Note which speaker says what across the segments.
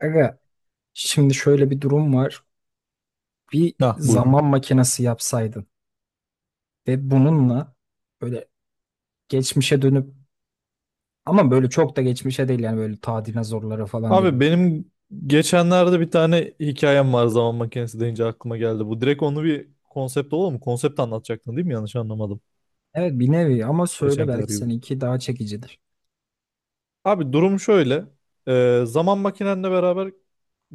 Speaker 1: Aga, şimdi şöyle bir durum var. Bir
Speaker 2: Ha, buyur.
Speaker 1: zaman makinesi yapsaydın ve bununla böyle geçmişe dönüp ama böyle çok da geçmişe değil, yani böyle ta dinozorlara falan
Speaker 2: Abi
Speaker 1: değil.
Speaker 2: benim geçenlerde bir tane hikayem var zaman makinesi deyince aklıma geldi. Bu direkt onu bir konsept olur mu? Konsept anlatacaktın değil mi? Yanlış anlamadım.
Speaker 1: Evet, bir nevi ama söyle,
Speaker 2: Geçenkiler
Speaker 1: belki
Speaker 2: gibi.
Speaker 1: seninki daha çekicidir.
Speaker 2: Abi durum şöyle. Zaman makinenle beraber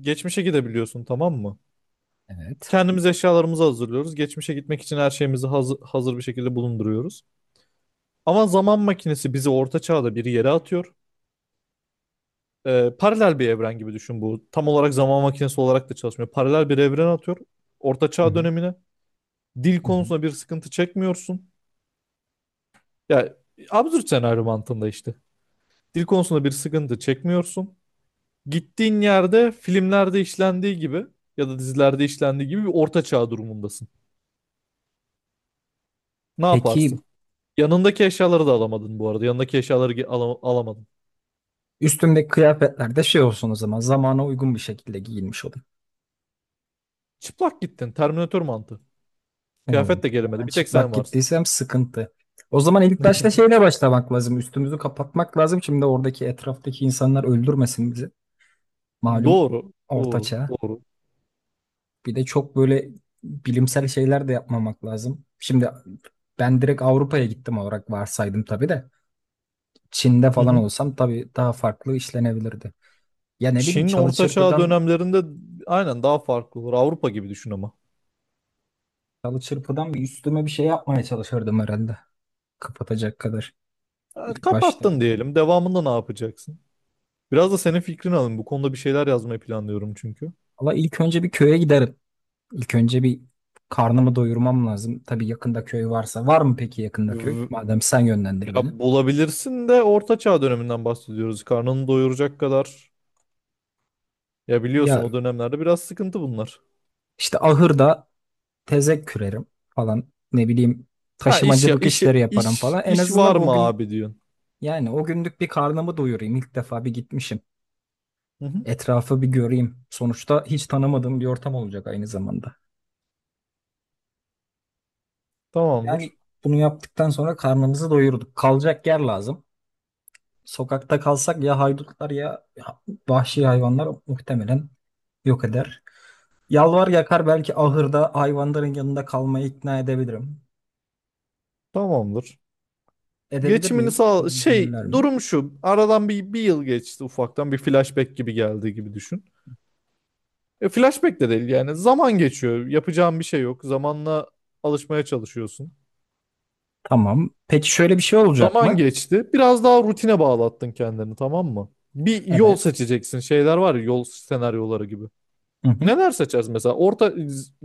Speaker 2: geçmişe gidebiliyorsun tamam mı?
Speaker 1: Evet.
Speaker 2: Kendimiz eşyalarımızı hazırlıyoruz. Geçmişe gitmek için her şeyimizi hazır bir şekilde bulunduruyoruz. Ama zaman makinesi bizi orta çağda bir yere atıyor. Paralel bir evren gibi düşün bu. Tam olarak zaman makinesi olarak da çalışmıyor. Paralel bir evren atıyor. Orta
Speaker 1: Hı
Speaker 2: çağ
Speaker 1: hı,
Speaker 2: dönemine. Dil
Speaker 1: hı hı.
Speaker 2: konusunda bir sıkıntı çekmiyorsun. Ya, absürt senaryo mantığında işte. Dil konusunda bir sıkıntı çekmiyorsun. Gittiğin yerde filmlerde işlendiği gibi ya da dizilerde işlendiği gibi bir orta çağ durumundasın. Ne yaparsın?
Speaker 1: Peki,
Speaker 2: Yanındaki eşyaları da alamadın bu arada. Yanındaki eşyaları alamadın.
Speaker 1: üstümdeki kıyafetler de şey olsun, o zaman zamana uygun bir şekilde giyinmiş olayım.
Speaker 2: Çıplak gittin. Terminatör mantığı.
Speaker 1: Oo.
Speaker 2: Kıyafet de gelemedi.
Speaker 1: Ben
Speaker 2: Bir tek sen
Speaker 1: çıplak
Speaker 2: varsın.
Speaker 1: gittiysem sıkıntı. O zaman ilk başta şeyle başlamak lazım. Üstümüzü kapatmak lazım. Şimdi oradaki etraftaki insanlar öldürmesin bizi. Malum
Speaker 2: Doğru. Doğru.
Speaker 1: ortaçağ.
Speaker 2: Doğru.
Speaker 1: Bir de çok böyle bilimsel şeyler de yapmamak lazım. Şimdi ben direkt Avrupa'ya gittim olarak varsaydım tabii de. Çin'de
Speaker 2: Hı
Speaker 1: falan
Speaker 2: hı.
Speaker 1: olsam tabii daha farklı işlenebilirdi. Ya ne bileyim,
Speaker 2: Çin
Speaker 1: çalı
Speaker 2: orta çağ
Speaker 1: çırpıdan
Speaker 2: dönemlerinde aynen daha farklı olur. Avrupa gibi düşün ama.
Speaker 1: çalı çırpıdan bir üstüme bir şey yapmaya çalışırdım herhalde. Kapatacak kadar ilk başta.
Speaker 2: Kapattın diyelim. Devamında ne yapacaksın? Biraz da senin fikrini alayım. Bu konuda bir şeyler yazmayı planlıyorum çünkü.
Speaker 1: Ama ilk önce bir köye giderim. İlk önce bir karnımı doyurmam lazım. Tabii yakında köy varsa. Var mı peki yakında köy?
Speaker 2: V-
Speaker 1: Madem, sen yönlendir
Speaker 2: Ya
Speaker 1: beni.
Speaker 2: bulabilirsin de Orta Çağ döneminden bahsediyoruz. Karnını doyuracak kadar. Ya, biliyorsun
Speaker 1: Ya
Speaker 2: o dönemlerde biraz sıkıntı bunlar.
Speaker 1: işte ahırda tezek kürerim falan, ne bileyim,
Speaker 2: Ha, iş ya,
Speaker 1: taşımacılık
Speaker 2: iş
Speaker 1: işleri yaparım
Speaker 2: iş
Speaker 1: falan. En
Speaker 2: iş
Speaker 1: azından
Speaker 2: var mı
Speaker 1: o gün,
Speaker 2: abi diyorsun.
Speaker 1: yani o günlük bir karnımı doyurayım. İlk defa bir gitmişim.
Speaker 2: Hı hı.
Speaker 1: Etrafı bir göreyim. Sonuçta hiç tanımadığım bir ortam olacak aynı zamanda. Yani
Speaker 2: Tamamdır.
Speaker 1: bunu yaptıktan sonra karnımızı doyurduk. Kalacak yer lazım. Sokakta kalsak ya haydutlar ya vahşi hayvanlar muhtemelen yok eder. Yalvar yakar belki ahırda hayvanların yanında kalmayı ikna edebilirim.
Speaker 2: Tamamdır.
Speaker 1: Edebilir
Speaker 2: Geçimini
Speaker 1: miyim?
Speaker 2: sağ
Speaker 1: Buna izin
Speaker 2: şey
Speaker 1: verirler mi?
Speaker 2: durum şu. Aradan bir yıl geçti, ufaktan bir flashback gibi geldi gibi düşün. Flashback de değil yani, zaman geçiyor. Yapacağın bir şey yok. Zamanla alışmaya çalışıyorsun.
Speaker 1: Tamam. Peki şöyle bir şey olacak
Speaker 2: Zaman
Speaker 1: mı?
Speaker 2: geçti. Biraz daha rutine bağlattın kendini tamam mı? Bir yol
Speaker 1: Evet.
Speaker 2: seçeceksin. Şeyler var ya, yol senaryoları gibi.
Speaker 1: Hı hı.
Speaker 2: Neler seçeriz mesela? Orta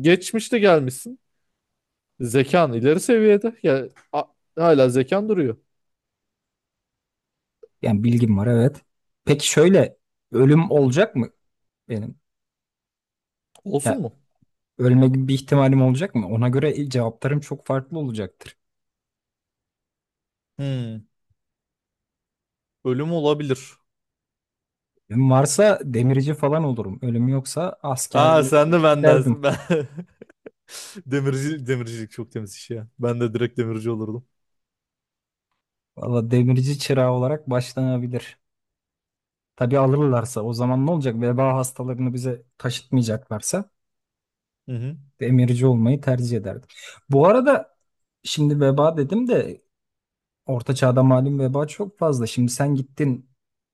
Speaker 2: geçmişte gelmişsin. Zekan ileri seviyede. Ya, hala zekan duruyor.
Speaker 1: Yani bilgim var, evet. Peki şöyle, ölüm
Speaker 2: Hı.
Speaker 1: olacak mı benim?
Speaker 2: Olsun
Speaker 1: Ya,
Speaker 2: mu?
Speaker 1: ölme gibi bir ihtimalim olacak mı? Ona göre cevaplarım çok farklı olacaktır.
Speaker 2: Hmm. Ölüm olabilir.
Speaker 1: Ölüm varsa demirci falan olurum. Ölüm yoksa
Speaker 2: Aa,
Speaker 1: askerliğe
Speaker 2: sen de
Speaker 1: doğru giderdim.
Speaker 2: benden. Demircilik çok temiz iş ya. Ben de direkt demirci olurdum.
Speaker 1: Valla demirci çırağı olarak başlanabilir. Tabii alırlarsa. O zaman ne olacak? Veba hastalarını bize taşıtmayacaklarsa
Speaker 2: Hı hı.
Speaker 1: demirci olmayı tercih ederdim. Bu arada, şimdi veba dedim de, orta çağda malum veba çok fazla. Şimdi sen gittin,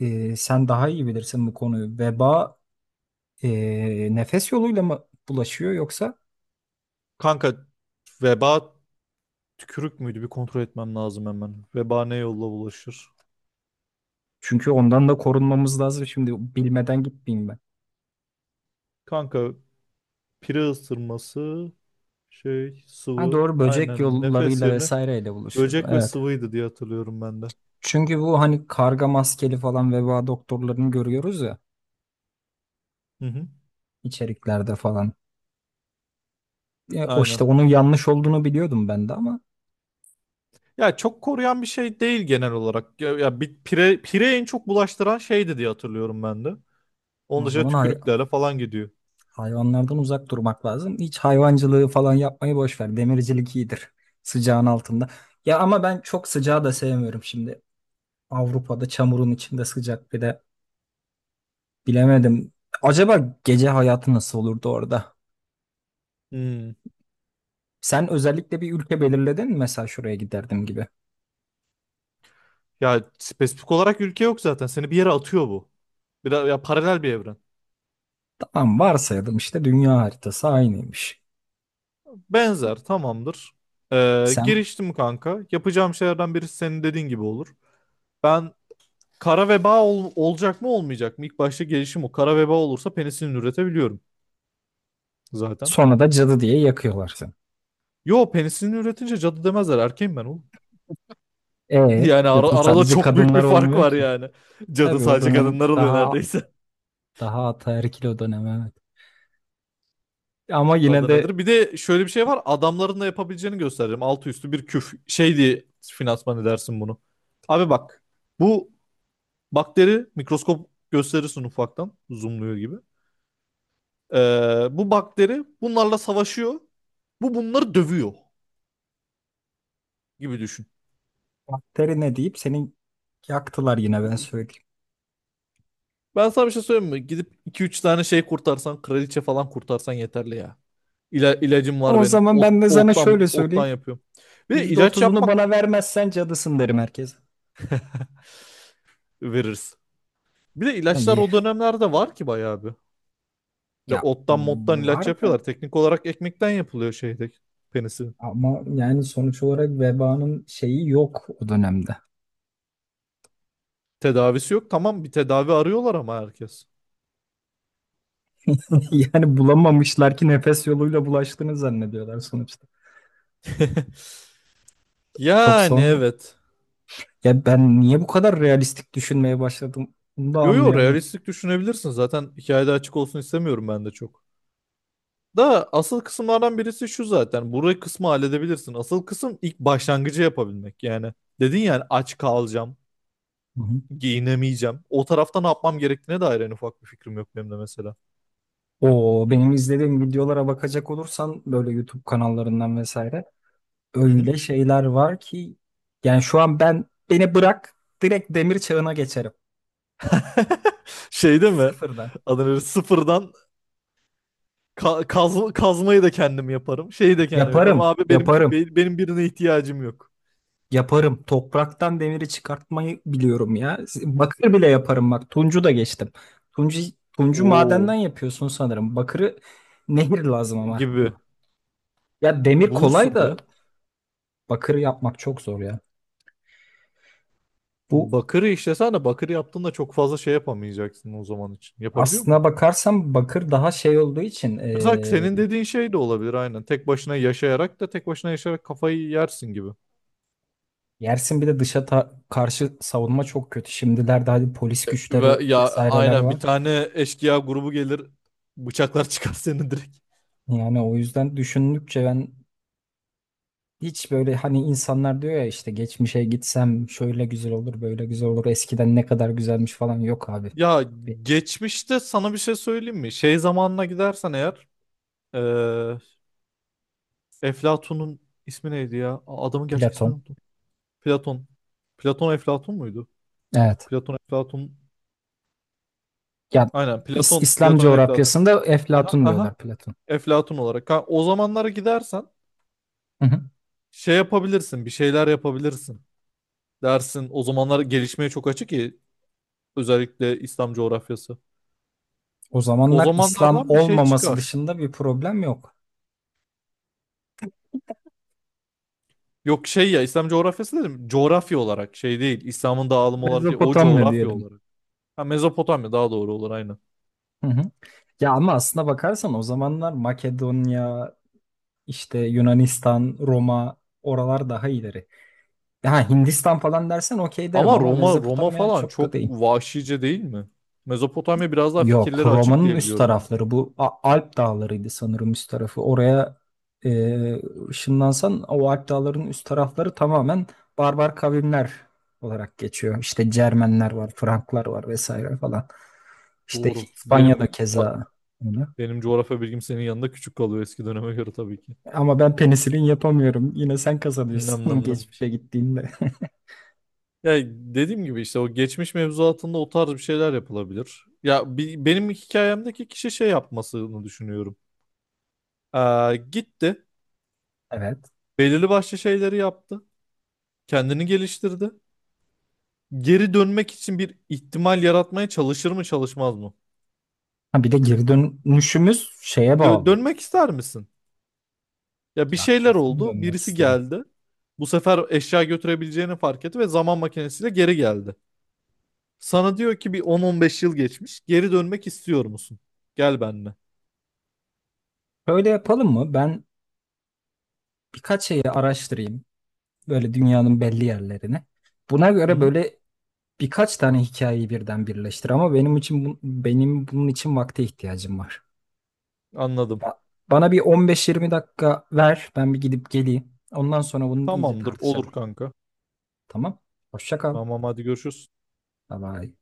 Speaker 1: sen daha iyi bilirsin bu konuyu. Veba nefes yoluyla mı bulaşıyor yoksa?
Speaker 2: Kanka, veba tükürük müydü? Bir kontrol etmem lazım hemen. Veba ne yolla bulaşır?
Speaker 1: Çünkü ondan da korunmamız lazım. Şimdi bilmeden gitmeyeyim ben.
Speaker 2: Kanka, pire ısırması, şey,
Speaker 1: Ha
Speaker 2: sıvı,
Speaker 1: doğru, böcek
Speaker 2: aynen, nefes
Speaker 1: yollarıyla
Speaker 2: yerine
Speaker 1: vesaireyle buluşuyordu.
Speaker 2: böcek ve
Speaker 1: Evet.
Speaker 2: sıvıydı diye hatırlıyorum ben de.
Speaker 1: Çünkü bu hani karga maskeli falan veba doktorlarını görüyoruz ya,
Speaker 2: Hı hı,
Speaker 1: içeriklerde falan. O işte,
Speaker 2: aynen.
Speaker 1: onun yanlış olduğunu biliyordum ben de ama.
Speaker 2: Ya, çok koruyan bir şey değil genel olarak. Ya, bir pire en çok bulaştıran şeydi diye hatırlıyorum ben de. Onun
Speaker 1: O
Speaker 2: dışında
Speaker 1: zaman
Speaker 2: tükürüklerle falan gidiyor.
Speaker 1: hayvanlardan uzak durmak lazım. Hiç hayvancılığı falan yapmayı boş ver. Demircilik iyidir. Sıcağın altında. Ya ama ben çok sıcağı da sevmiyorum şimdi. Avrupa'da çamurun içinde sıcak, bir de bilemedim. Acaba gece hayatı nasıl olurdu orada?
Speaker 2: Hmm.
Speaker 1: Sen özellikle bir ülke belirledin mi, mesela şuraya giderdim gibi?
Speaker 2: Ya spesifik olarak ülke yok zaten. Seni bir yere atıyor bu. Ya, paralel bir evren.
Speaker 1: Tamam, varsayalım işte dünya haritası aynıymış.
Speaker 2: Benzer, tamamdır.
Speaker 1: Sen
Speaker 2: Giriştim kanka. Yapacağım şeylerden birisi senin dediğin gibi olur. Ben, Kara veba olacak mı olmayacak mı? İlk başta gelişim o. Kara veba olursa penisilin üretebiliyorum zaten.
Speaker 1: sonra da cadı diye yakıyorlar seni.
Speaker 2: Yo, penisilin üretince cadı demezler. Erkeğim ben oğlum.
Speaker 1: E
Speaker 2: Yani
Speaker 1: cadı
Speaker 2: arada
Speaker 1: sadece
Speaker 2: çok büyük bir
Speaker 1: kadınlar
Speaker 2: fark
Speaker 1: olmuyor
Speaker 2: var
Speaker 1: ki.
Speaker 2: yani. Cadı
Speaker 1: Tabii o
Speaker 2: sadece
Speaker 1: dönem
Speaker 2: kadınlar oluyor
Speaker 1: daha
Speaker 2: neredeyse.
Speaker 1: daha ataerkil, o dönem, evet. Ama yine
Speaker 2: Adı
Speaker 1: de
Speaker 2: nedir? Bir de şöyle bir şey var. Adamların da yapabileceğini göstereceğim. Altı üstü bir küf. Şey diye finansman edersin bunu. Abi bak. Bu bakteri, mikroskop gösterirsin ufaktan. Zoomluyor gibi. Bu bakteri bunlarla savaşıyor. Bu bunları dövüyor gibi düşün.
Speaker 1: bakteri ne deyip seni yaktılar, yine ben söyleyeyim.
Speaker 2: Ben sana bir şey söyleyeyim mi? Gidip iki üç tane şey kurtarsan, kraliçe falan kurtarsan yeterli ya. İlacım var
Speaker 1: O
Speaker 2: benim.
Speaker 1: zaman
Speaker 2: Ot,
Speaker 1: ben de sana şöyle
Speaker 2: ottan, ottan
Speaker 1: söyleyeyim.
Speaker 2: yapıyorum. Bir de
Speaker 1: Yüzde
Speaker 2: ilaç
Speaker 1: otuzunu
Speaker 2: yapmak,
Speaker 1: bana vermezsen cadısın derim herkese.
Speaker 2: veririz. Bir de
Speaker 1: Ne
Speaker 2: ilaçlar
Speaker 1: iyi.
Speaker 2: o dönemlerde var ki bayağı bir. Ya,
Speaker 1: Ya
Speaker 2: ottan mottan
Speaker 1: var
Speaker 2: ilaç
Speaker 1: da
Speaker 2: yapıyorlar. Teknik olarak ekmekten yapılıyor şeyde, penisinin.
Speaker 1: ama, yani sonuç olarak vebanın şeyi yok o dönemde.
Speaker 2: Tedavisi yok. Tamam, bir tedavi arıyorlar ama herkes.
Speaker 1: Yani bulamamışlar ki nefes yoluyla bulaştığını zannediyorlar sonuçta. Çok
Speaker 2: Yani
Speaker 1: sonra.
Speaker 2: evet.
Speaker 1: Ya ben niye bu kadar realistik düşünmeye başladım, bunu da
Speaker 2: Yo yo,
Speaker 1: anlayamadım.
Speaker 2: realistik düşünebilirsin. Zaten hikayede açık olsun istemiyorum ben de çok. Da asıl kısımlardan birisi şu zaten. Burayı kısmı halledebilirsin. Asıl kısım ilk başlangıcı yapabilmek. Yani dedin yani, aç kalacağım,
Speaker 1: Hı hı.
Speaker 2: giyinemeyeceğim. O tarafta ne yapmam gerektiğine dair en ufak bir fikrim yok benim de mesela.
Speaker 1: O benim izlediğim videolara bakacak olursan, böyle YouTube kanallarından vesaire,
Speaker 2: Hı hı.
Speaker 1: öyle şeyler var ki, yani şu an ben, beni bırak, direkt demir çağına geçerim.
Speaker 2: Şeyde mi?
Speaker 1: Sıfırdan.
Speaker 2: Adını sıfırdan kazmayı da kendim yaparım. Şeyi de kendim yaparım.
Speaker 1: Yaparım,
Speaker 2: Abi benimki,
Speaker 1: yaparım,
Speaker 2: benim birine ihtiyacım yok.
Speaker 1: yaparım. Topraktan demiri çıkartmayı biliyorum ya. Bakır bile yaparım bak. Tuncu da geçtim. Tuncu, tuncu madenden
Speaker 2: Oo
Speaker 1: yapıyorsun sanırım. Bakırı, nehir lazım ama.
Speaker 2: gibi.
Speaker 1: Ya demir kolay
Speaker 2: Bulursun
Speaker 1: da
Speaker 2: be.
Speaker 1: bakırı yapmak çok zor ya. Bu,
Speaker 2: Bakırı işlesene, bakırı yaptığında çok fazla şey yapamayacaksın o zaman için. Yapabiliyor.
Speaker 1: aslına bakarsam bakır daha şey olduğu için.
Speaker 2: Mesela senin dediğin şey de olabilir aynen. Tek başına yaşayarak kafayı yersin gibi.
Speaker 1: Yersin, bir de dışa karşı savunma çok kötü. Şimdilerde hadi polis
Speaker 2: Ve
Speaker 1: güçleri
Speaker 2: ya
Speaker 1: vesaireler
Speaker 2: aynen, bir
Speaker 1: var.
Speaker 2: tane eşkıya grubu gelir, bıçaklar çıkar seni direkt.
Speaker 1: Yani o yüzden düşündükçe ben, hiç böyle hani insanlar diyor ya işte geçmişe gitsem şöyle güzel olur, böyle güzel olur, eskiden ne kadar güzelmiş falan, yok abi.
Speaker 2: Ya,
Speaker 1: Bir
Speaker 2: geçmişte sana bir şey söyleyeyim mi? Şey zamanına gidersen eğer, eee Eflatun'un ismi neydi ya? Adamın gerçek ismini
Speaker 1: Platon.
Speaker 2: unuttum. Platon. Platon Eflatun muydu?
Speaker 1: Evet.
Speaker 2: Platon Eflatun.
Speaker 1: Ya
Speaker 2: Aynen Platon.
Speaker 1: İslam
Speaker 2: Platon Eflatun.
Speaker 1: coğrafyasında
Speaker 2: Aha,
Speaker 1: Eflatun
Speaker 2: aha.
Speaker 1: diyorlar Platon.
Speaker 2: Eflatun olarak. Ha, o zamanlara gidersen
Speaker 1: Hı hı.
Speaker 2: şey yapabilirsin, bir şeyler yapabilirsin dersin. O zamanlar gelişmeye çok açık ki, özellikle İslam coğrafyası.
Speaker 1: O
Speaker 2: O
Speaker 1: zamanlar İslam
Speaker 2: zamanlardan bir şey
Speaker 1: olmaması
Speaker 2: çıkar.
Speaker 1: dışında bir problem yok.
Speaker 2: Yok şey ya, İslam coğrafyası dedim. Coğrafya olarak şey değil. İslam'ın dağılımı olarak değil. O
Speaker 1: Mezopotamya
Speaker 2: coğrafya
Speaker 1: diyelim.
Speaker 2: olarak. Ha, Mezopotamya daha doğru olur aynı.
Speaker 1: Hı hı. Ya ama aslına bakarsan o zamanlar Makedonya, İşte Yunanistan, Roma, oralar daha ileri. Ha Hindistan falan dersen okey derim
Speaker 2: Ama
Speaker 1: ama
Speaker 2: Roma
Speaker 1: Mezopotamya
Speaker 2: falan
Speaker 1: çok
Speaker 2: çok
Speaker 1: da değil.
Speaker 2: vahşice değil mi? Mezopotamya biraz daha
Speaker 1: Yok,
Speaker 2: fikirleri açık
Speaker 1: Roma'nın
Speaker 2: diye
Speaker 1: üst
Speaker 2: biliyorum ben.
Speaker 1: tarafları bu Alp dağlarıydı sanırım üst tarafı. Oraya ışınlansan o Alp dağlarının üst tarafları tamamen barbar kavimler olarak geçiyor. İşte Cermenler var, Franklar var vesaire falan. İşte
Speaker 2: Doğru.
Speaker 1: İspanya'da
Speaker 2: Benim
Speaker 1: keza öyle.
Speaker 2: benim coğrafya bilgim senin yanında küçük kalıyor eski döneme göre tabii ki.
Speaker 1: Ama ben penisilin yapamıyorum. Yine sen
Speaker 2: Nam
Speaker 1: kazanıyorsun
Speaker 2: nam nam.
Speaker 1: geçmişe gittiğinde.
Speaker 2: Ya dediğim gibi işte, o geçmiş mevzuatında o tarz bir şeyler yapılabilir. Ya, benim hikayemdeki kişi şey yapmasını düşünüyorum. Gitti,
Speaker 1: Evet.
Speaker 2: belirli başlı şeyleri yaptı, kendini geliştirdi. Geri dönmek için bir ihtimal yaratmaya çalışır mı, çalışmaz mı?
Speaker 1: Ha bir de geri dönüşümüz şeye bağlı.
Speaker 2: Dönmek ister misin? Ya, bir
Speaker 1: Ya
Speaker 2: şeyler
Speaker 1: kesin
Speaker 2: oldu,
Speaker 1: dönmek
Speaker 2: birisi
Speaker 1: isterim.
Speaker 2: geldi. Bu sefer eşya götürebileceğini fark etti ve zaman makinesiyle geri geldi. Sana diyor ki bir 10-15 yıl geçmiş, geri dönmek istiyor musun? Gel benimle.
Speaker 1: Böyle yapalım mı? Ben birkaç şeyi araştırayım. Böyle dünyanın belli yerlerini. Buna
Speaker 2: Hı
Speaker 1: göre
Speaker 2: hı,
Speaker 1: böyle birkaç tane hikayeyi birden birleştir ama benim için benim bunun için vakte ihtiyacım var.
Speaker 2: anladım.
Speaker 1: Ba- Bana bir 15-20 dakika ver. Ben bir gidip geleyim. Ondan sonra bunu iyice
Speaker 2: Tamamdır, olur
Speaker 1: tartışalım.
Speaker 2: kanka.
Speaker 1: Tamam? Hoşça kal.
Speaker 2: Tamam hadi görüşürüz.
Speaker 1: Bye bye.